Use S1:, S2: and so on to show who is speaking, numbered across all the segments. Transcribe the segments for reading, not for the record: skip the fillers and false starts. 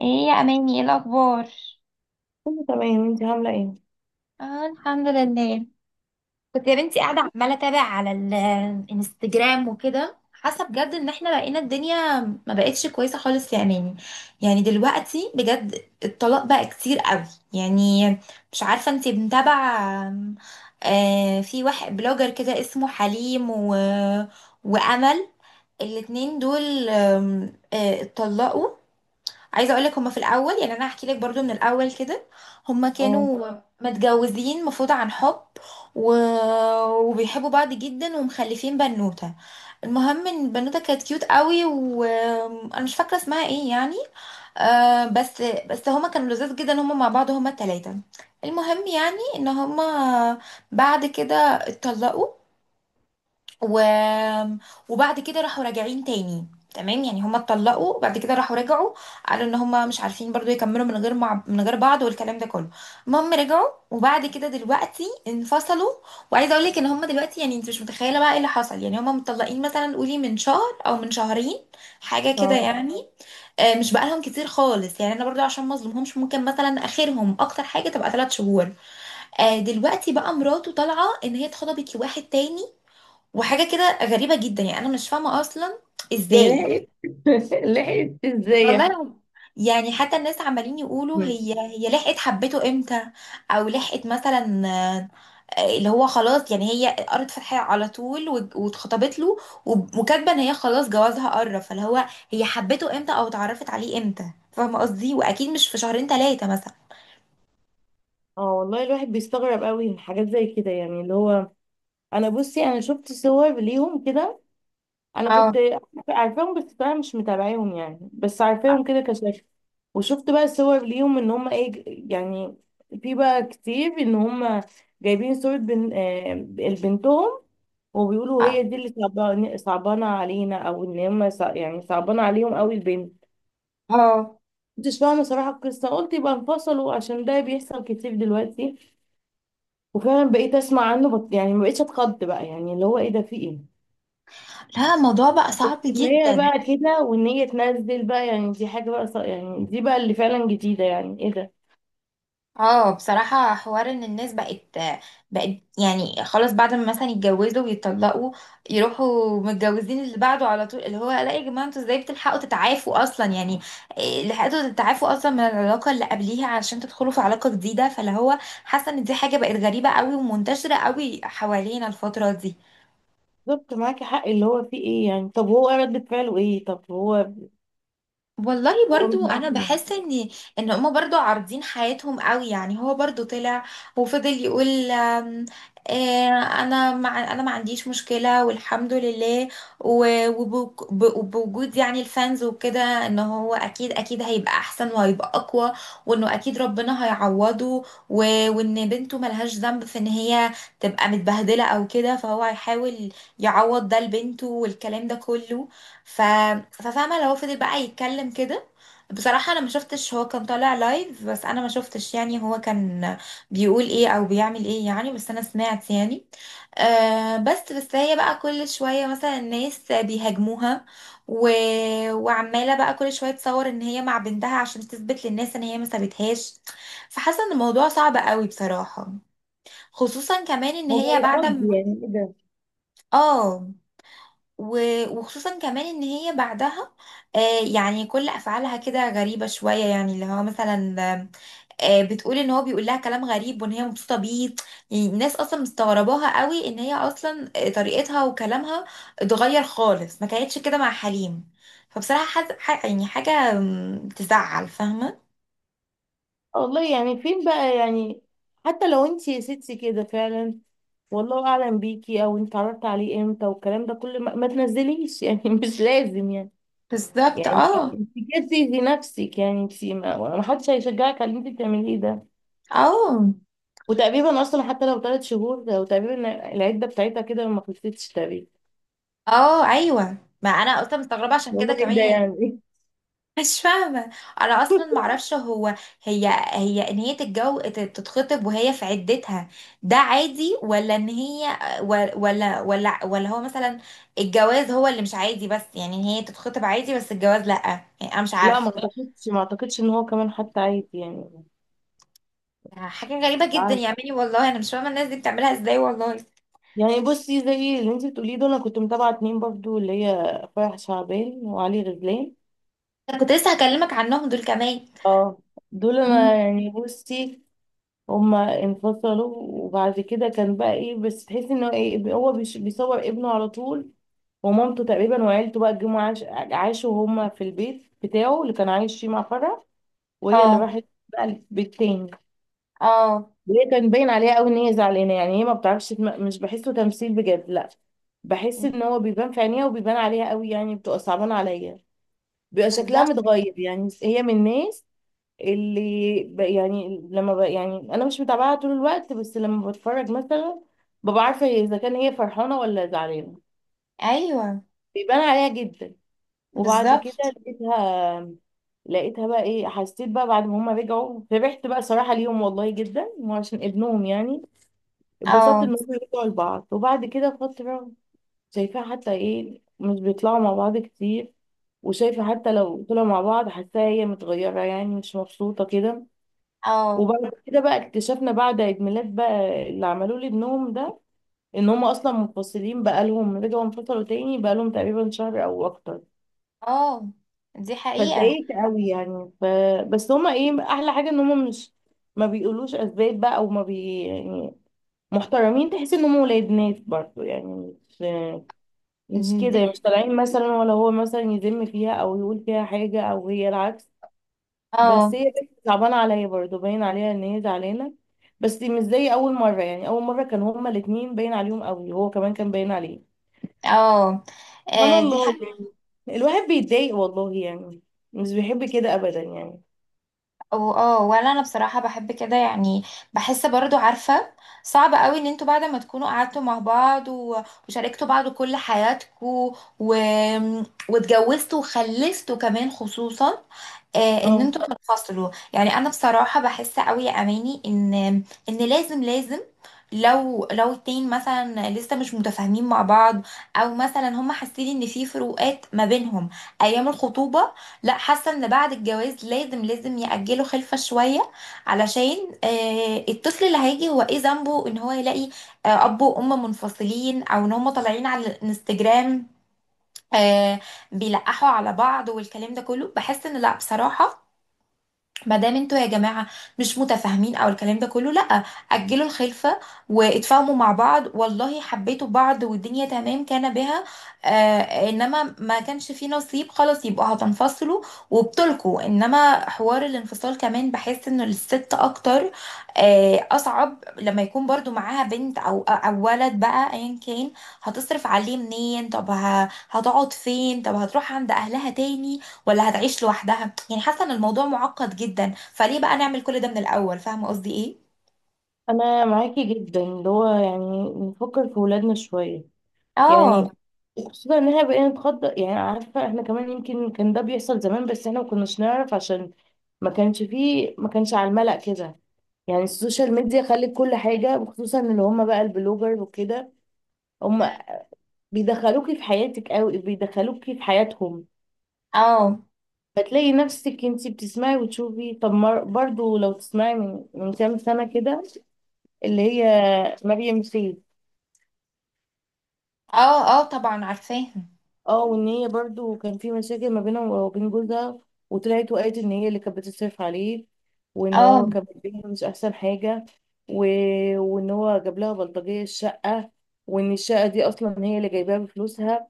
S1: ايه يا اماني؟ ايه الاخبار؟
S2: كله تمام، انت عاملة ايه؟
S1: اه، الحمد لله. كنت يا بنتي قاعدة عمالة أتابع على الانستجرام وكده، حاسة بجد إن احنا بقينا الدنيا ما بقتش كويسة خالص يا أماني. يعني دلوقتي بجد الطلاق بقى كتير قوي. يعني، مش عارفة انتي متابعة؟ في واحد بلوجر كده اسمه حليم وأمل. الاتنين دول اتطلقوا. عايزه اقول لك، هما في الاول، يعني انا هحكي لك برضو من الاول كده. هما
S2: اه،
S1: كانوا متجوزين مفروض عن حب، و... وبيحبوا بعض جدا ومخلفين بنوته. المهم ان البنوته كانت كيوت قوي، وانا مش فاكره اسمها ايه يعني. آه، بس هما كانوا لذاذ جدا هما مع بعض، هما التلاتة. المهم يعني ان هما بعد كده اتطلقوا، و... وبعد كده راحوا راجعين تاني. تمام، يعني هما اتطلقوا وبعد كده راحوا رجعوا. قالوا ان هما مش عارفين برضو يكملوا من غير بعض والكلام ده كله. المهم رجعوا وبعد كده دلوقتي انفصلوا. وعايزه اقول لك ان هما دلوقتي، يعني انت مش متخيله بقى ايه اللي حصل. يعني هما متطلقين مثلا، قولي من شهر او من شهرين، حاجه كده
S2: طب
S1: يعني. مش بقالهم كتير خالص، يعني انا برضو عشان ما اظلمهمش ممكن مثلا اخرهم اكتر حاجه تبقى ثلاث شهور. دلوقتي بقى مراته طالعه ان هي اتخطبت لواحد تاني. وحاجة كده غريبة جدا، يعني أنا مش فاهمة أصلا إزاي.
S2: هي لحقت لحقت
S1: والله
S2: ازاي؟
S1: لو- يعني حتى الناس عمالين يقولوا،
S2: مم.
S1: هي لحقت حبته امتى؟ او لحقت مثلا، اللي هو خلاص يعني هي قرت فتحية على طول واتخطبت له. وكاتبه ان هي خلاص جوازها قرب، فاللي هو هي حبته امتى او اتعرفت عليه امتى؟ فاهمة قصدي؟ واكيد مش في شهرين ثلاثة مثلا.
S2: اه، والله الواحد بيستغرب قوي من حاجات زي كده، يعني اللي هو انا بصي، انا شفت صور ليهم كده. انا
S1: اه.
S2: كنت عارفاهم بس طبعا مش متابعاهم، يعني بس عارفاهم كده كشكل. وشفت بقى صور ليهم ان هم ايه، يعني في بقى كتير ان هم جايبين صورة بن... آه، بنتهم. وبيقولوا
S1: اه.
S2: هي دي اللي صعبانة علينا، او ان هم يعني صعبانة عليهم قوي البنت.
S1: آه.
S2: كنتش فاهمة صراحة القصة، قلت يبقى انفصلوا عشان ده بيحصل كتير دلوقتي. وفعلا بقيت اسمع عنه، يعني ما بقتش اتخض بقى، يعني اللي هو ايه ده، في ايه،
S1: لا، الموضوع بقى صعب
S2: ان هي
S1: جدا.
S2: بقى كده وان هي تنزل بقى. يعني دي حاجة بقى يعني دي بقى اللي فعلا جديدة، يعني ايه ده.
S1: اه، بصراحة حوار ان الناس بقت يعني خلاص، بعد ما مثلا يتجوزوا ويتطلقوا يروحوا متجوزين اللي بعده على طول. اللي هو لا يا جماعة، انتوا ازاي بتلحقوا تتعافوا اصلا يعني؟ إيه، لحقتوا تتعافوا اصلا من العلاقة اللي قبليها علشان تدخلوا في علاقة جديدة؟ فاللي هو حاسة ان دي حاجة بقت غريبة قوي ومنتشرة قوي حوالينا الفترة دي.
S2: بالظبط، معاكي حق، اللي هو في ايه يعني؟ طب هو ردة فعله ايه؟ طب هو،
S1: والله
S2: هو مش
S1: برضو
S2: عارف
S1: انا
S2: يعني.
S1: بحس ان ان هما برضو عارضين حياتهم قوي. يعني هو برضو طلع وفضل يقول آه، انا انا ما عنديش مشكلة والحمد لله، وبوجود يعني الفانز وكده، ان هو اكيد اكيد هيبقى احسن وهيبقى اقوى، وانه اكيد ربنا هيعوضه، وان بنته ملهاش ذنب في ان هي تبقى متبهدلة او كده، فهو هيحاول يعوض ده لبنته والكلام ده كله. ف... ففاهمه لو هو فضل بقى يتكلم كده. بصراحه انا ما شفتش، هو كان طالع لايف بس انا ما شفتش، يعني هو كان بيقول ايه او بيعمل ايه يعني، بس انا سمعت يعني. آه، بس هي بقى كل شويه مثلا الناس بيهاجموها، و... وعماله بقى كل شويه تصور ان هي مع بنتها عشان تثبت للناس ان هي ما سابتهاش. فحاسه ان الموضوع صعب قوي بصراحه. خصوصا كمان ان
S2: هو بقى
S1: هي بعد
S2: يخض،
S1: ما،
S2: يعني ايه ده.
S1: اه، وخصوصا كمان ان هي بعدها، آه، يعني كل افعالها كده غريبه شويه. يعني اللي هو مثلا، آه، بتقول ان هو بيقول لها كلام غريب وان هي مبسوطه بيه. يعني الناس اصلا مستغرباها قوي ان هي اصلا، طريقتها وكلامها اتغير خالص، ما كانتش كده مع حليم. فبصراحه يعني حاجه تزعل، فاهمه؟
S2: والله يعني فين بقى يعني. حتى لو انت يا ستي كده فعلا، والله اعلم بيكي او انت اتعرفت عليه امتى والكلام ده كله، ما تنزليش يعني مش لازم يعني.
S1: بالظبط.
S2: يعني
S1: اه.
S2: انت كده بتأذي نفسك، يعني انت، ما حدش هيشجعك على اللي انت بتعمليه ده.
S1: اه.
S2: وتقريبا اصلا حتى لو 3 شهور، وتقريبا العده بتاعتها كده ما خلصتش تقريبا.
S1: اه، ايوه، ما انا اصلا مستغربه عشان
S2: هو
S1: كده
S2: ايه
S1: كمان
S2: ده
S1: يعني.
S2: يعني؟
S1: مش فاهمة. أنا أصلا معرفش هو، هي، إن هي تتخطب وهي في عدتها ده عادي؟ ولا إن هي، ولا هو مثلا الجواز هو اللي مش عادي؟ بس يعني إن هي تتخطب عادي بس الجواز لأ؟ يعني أنا مش
S2: لا،
S1: عارفة.
S2: ما اعتقدش ان هو كمان حتى عادي يعني.
S1: حاجة غريبة جدا يا عمي، والله أنا مش فاهمة الناس دي بتعملها إزاي، والله.
S2: يعني بصي زي اللي انت بتقوليه، دول انا كنت متابعه اتنين برضو، اللي هي فرح شعبان وعلي غزلان.
S1: أنا كنت لسه هكلمك عنهم دول كمان.
S2: اه، دول انا
S1: مم.
S2: يعني بصي، هما انفصلوا. وبعد كده كان بقى ايه، بس تحسي انه ايه، هو بيصور ابنه على طول ومامته تقريبا وعيلته بقى. جم عاشوا هما في البيت بتاعه اللي كان عايش فيه مع فرح، وهي اللي
S1: اه.
S2: راحت بقى البيت تاني.
S1: اه.
S2: وهي كان باين عليها قوي ان هي زعلانه، يعني هي ما بتعرفش مش بحسه تمثيل بجد، لا. بحس ان هو بيبان في عينيها وبيبان عليها قوي، يعني بتبقى صعبانه عليا، بيبقى شكلها
S1: بالظبط.
S2: متغير. يعني هي من الناس اللي يعني لما يعني انا مش متابعاها طول الوقت، بس لما بتفرج مثلا ببقى عارفه هي اذا كان هي فرحانه ولا زعلانه،
S1: ايوه.
S2: بيبان عليها جدا. وبعد كده
S1: بالظبط.
S2: لقيتها لقيتها بقى ايه، حسيت بقى بعد ما هما رجعوا فرحت بقى صراحه ليهم والله جدا، وعشان ابنهم يعني اتبسطت ان
S1: اه.
S2: هم رجعوا لبعض. وبعد كده فترة شايفاها حتى ايه، مش بيطلعوا مع بعض كتير. وشايفة حتى لو طلعوا مع بعض حاساها هي متغيرة، يعني مش مبسوطة كده.
S1: اه.
S2: وبعد كده بقى اكتشفنا بعد عيد ميلاد بقى اللي عملوه لابنهم ده، ان هم اصلا منفصلين، بقالهم رجعوا انفصلوا تاني بقالهم تقريبا شهر او اكتر.
S1: اه، دي حقيقة.
S2: فاتضايقت قوي يعني. بس هما ايه احلى حاجة ان هما مش، ما بيقولوش اسباب بقى، او ما بي يعني محترمين. تحس ان هم ولاد ناس برضه، يعني مش، مش كده، مش طالعين مثلا ولا هو مثلا يذم فيها او يقول فيها حاجة او هي العكس. بس هي
S1: اه.
S2: بنت صعبانة عليا برضه، باين عليها ان هي زعلانة. بس مش زي اول مرة، يعني اول مرة كان هما الاتنين باين عليهم قوي، هو كمان كان باين عليه.
S1: اه.
S2: سبحان
S1: آه، دي حاجة.
S2: الله يعني، الواحد بيتضايق والله يعني، مش بيحب كده ابدا يعني.
S1: اه، ولا انا بصراحة بحب كده يعني. بحس برضو، عارفة، صعب قوي ان انتوا بعد ما تكونوا قعدتوا مع بعض وشاركتوا بعض كل حياتكم، و... واتجوزتوا وخلفتوا كمان، خصوصا، ان
S2: اه،
S1: انتوا تنفصلوا. يعني انا بصراحه بحس قوي يا اماني ان ان لازم لازم، لو اتنين مثلا لسه مش متفاهمين مع بعض، او مثلا هم حاسين ان في فروقات ما بينهم ايام الخطوبه، لا، حاسه ان بعد الجواز لازم لازم يأجلوا خلفه شويه، علشان، الطفل اللي هيجي هو ايه ذنبه ان هو يلاقي، اب وام منفصلين، او ان هم طالعين على الانستجرام، آه، بيلقحوا على بعض والكلام ده كله. بحس ان لا، بصراحه ما دام انتوا يا جماعه مش متفاهمين او الكلام ده كله لا، اجلوا الخلفه واتفاهموا مع بعض. والله حبيتوا بعض والدنيا تمام كان بها، آه، انما ما كانش في نصيب خلاص يبقوا هتنفصلوا وبتلكوا. انما حوار الانفصال كمان بحس انه للست اكتر، آه، اصعب لما يكون برضو معاها بنت او ولد بقى ايا كان. هتصرف عليه منين؟ طب هتقعد فين؟ طب هتروح عند اهلها تاني ولا هتعيش لوحدها؟ يعني حاسه ان الموضوع معقد جدا، فليه بقى نعمل كل ده من الاول؟ فاهمه قصدي ايه؟
S2: انا معاكي جدا، اللي هو يعني نفكر في ولادنا شوية.
S1: اه.
S2: يعني خصوصا ان احنا بقينا نتخطى، يعني عارفه احنا كمان يمكن كان ده بيحصل زمان، بس احنا ما كناش نعرف عشان ما كانش فيه، ما كانش على الملأ كده. يعني السوشيال ميديا خلت كل حاجه، وخصوصا اللي هم بقى البلوجر وكده، هم بيدخلوكي في حياتك قوي، بيدخلوكي في حياتهم.
S1: اه.
S2: فتلاقي نفسك انتي بتسمعي وتشوفي. طب برضو لو تسمعي من كام سنه كده، اللي هي مريم سي.
S1: اه، اه طبعا عارفاها.
S2: اه، وان هي برضو كان في مشاكل ما بينها وبين جوزها، وطلعت وقالت ان هي اللي كانت بتصرف عليه، وان
S1: اه.
S2: هو كان بيها مش احسن حاجه. و... وان هو جاب لها بلطجيه الشقه، وان الشقه دي اصلا هي اللي جايباها بفلوسها،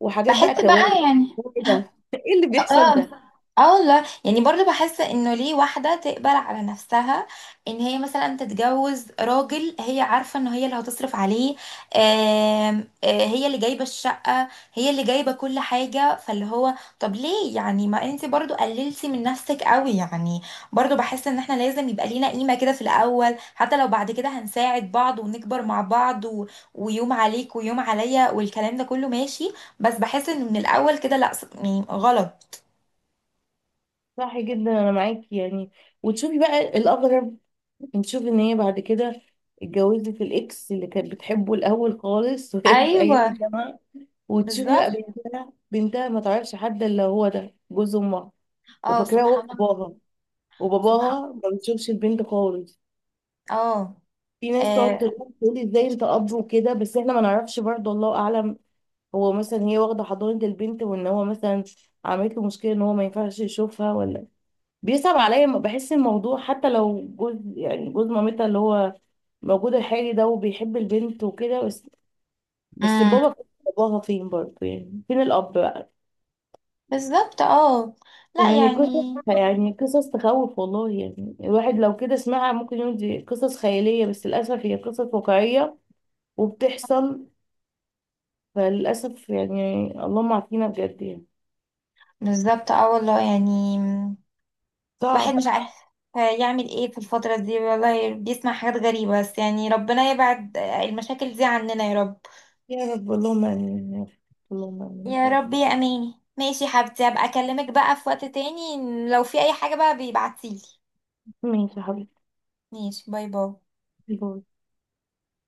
S2: وحاجات
S1: بحس
S2: بقى كوارث.
S1: بقى يعني،
S2: هو ايه ده ايه اللي بيحصل
S1: اه.
S2: ده.
S1: اه والله يعني، برضو بحس انه ليه واحدة تقبل على نفسها ان هي مثلا تتجوز راجل هي عارفة ان هي اللي هتصرف عليه، هي اللي جايبة الشقة، هي اللي جايبة كل حاجة. فاللي هو طب ليه يعني؟ ما انت برضو قللتي من نفسك قوي يعني. برضو بحس ان احنا لازم يبقى لينا قيمة كده في الاول، حتى لو بعد كده هنساعد بعض ونكبر مع بعض ويوم عليك ويوم عليا والكلام ده كله ماشي، بس بحس انه من الاول كده لا، يعني غلط.
S2: صح جدا، انا معاكي يعني. وتشوفي بقى الاغرب، نشوف ان هي بعد كده اتجوزت الاكس اللي كانت بتحبه الاول خالص وهي في
S1: ايوه.
S2: ايام الجامعه. وتشوفي
S1: بالظبط.
S2: بقى بنتها ما تعرفش حد الا هو ده جوز امها،
S1: اه،
S2: وفاكراه هو
S1: سبحان الله.
S2: باباها.
S1: سبحان.
S2: وباباها ما بيشوفش البنت خالص.
S1: اه.
S2: في ناس تقعد
S1: آه.
S2: تقول ازاي انت اب وكده، بس احنا ما نعرفش برضه، الله اعلم. هو مثلا هي واخده حضانه البنت وان هو مثلا عملت له مشكله ان هو ما ينفعش يشوفها ولا. بيصعب عليا، بحس الموضوع حتى لو جوز، يعني جوز مامتها اللي هو موجود الحالي ده وبيحب البنت وكده، بس بس
S1: امم.
S2: بابا، باباها فين برضه يعني، فين الاب بقى.
S1: بالظبط. اه، لا
S2: يعني قصص،
S1: يعني.
S2: يعني قصص تخوف والله يعني. الواحد لو كده سمعها ممكن يقول دي قصص خيالية، بس للأسف هي قصص واقعية وبتحصل. فللأسف يعني، اللهم عافينا بجد يعني.
S1: بالظبط. اه والله يعني، واحد
S2: صعب.
S1: مش عارف يعمل ايه في الفترة دي، والله بيسمع حاجات غريبة، بس يعني ربنا يبعد المشاكل دي عننا يا رب.
S2: يا رب، اللهم آمين يا رب. اللهم آمين.
S1: يا
S2: طيب،
S1: رب. يا اماني، ماشي يا حبيبتي، هبقى اكلمك بقى في وقت تاني. لو في اي حاجة بقى بيبعتيلي.
S2: ماشي يا حبيبتي.
S1: ماشي، باي باي.
S2: باي.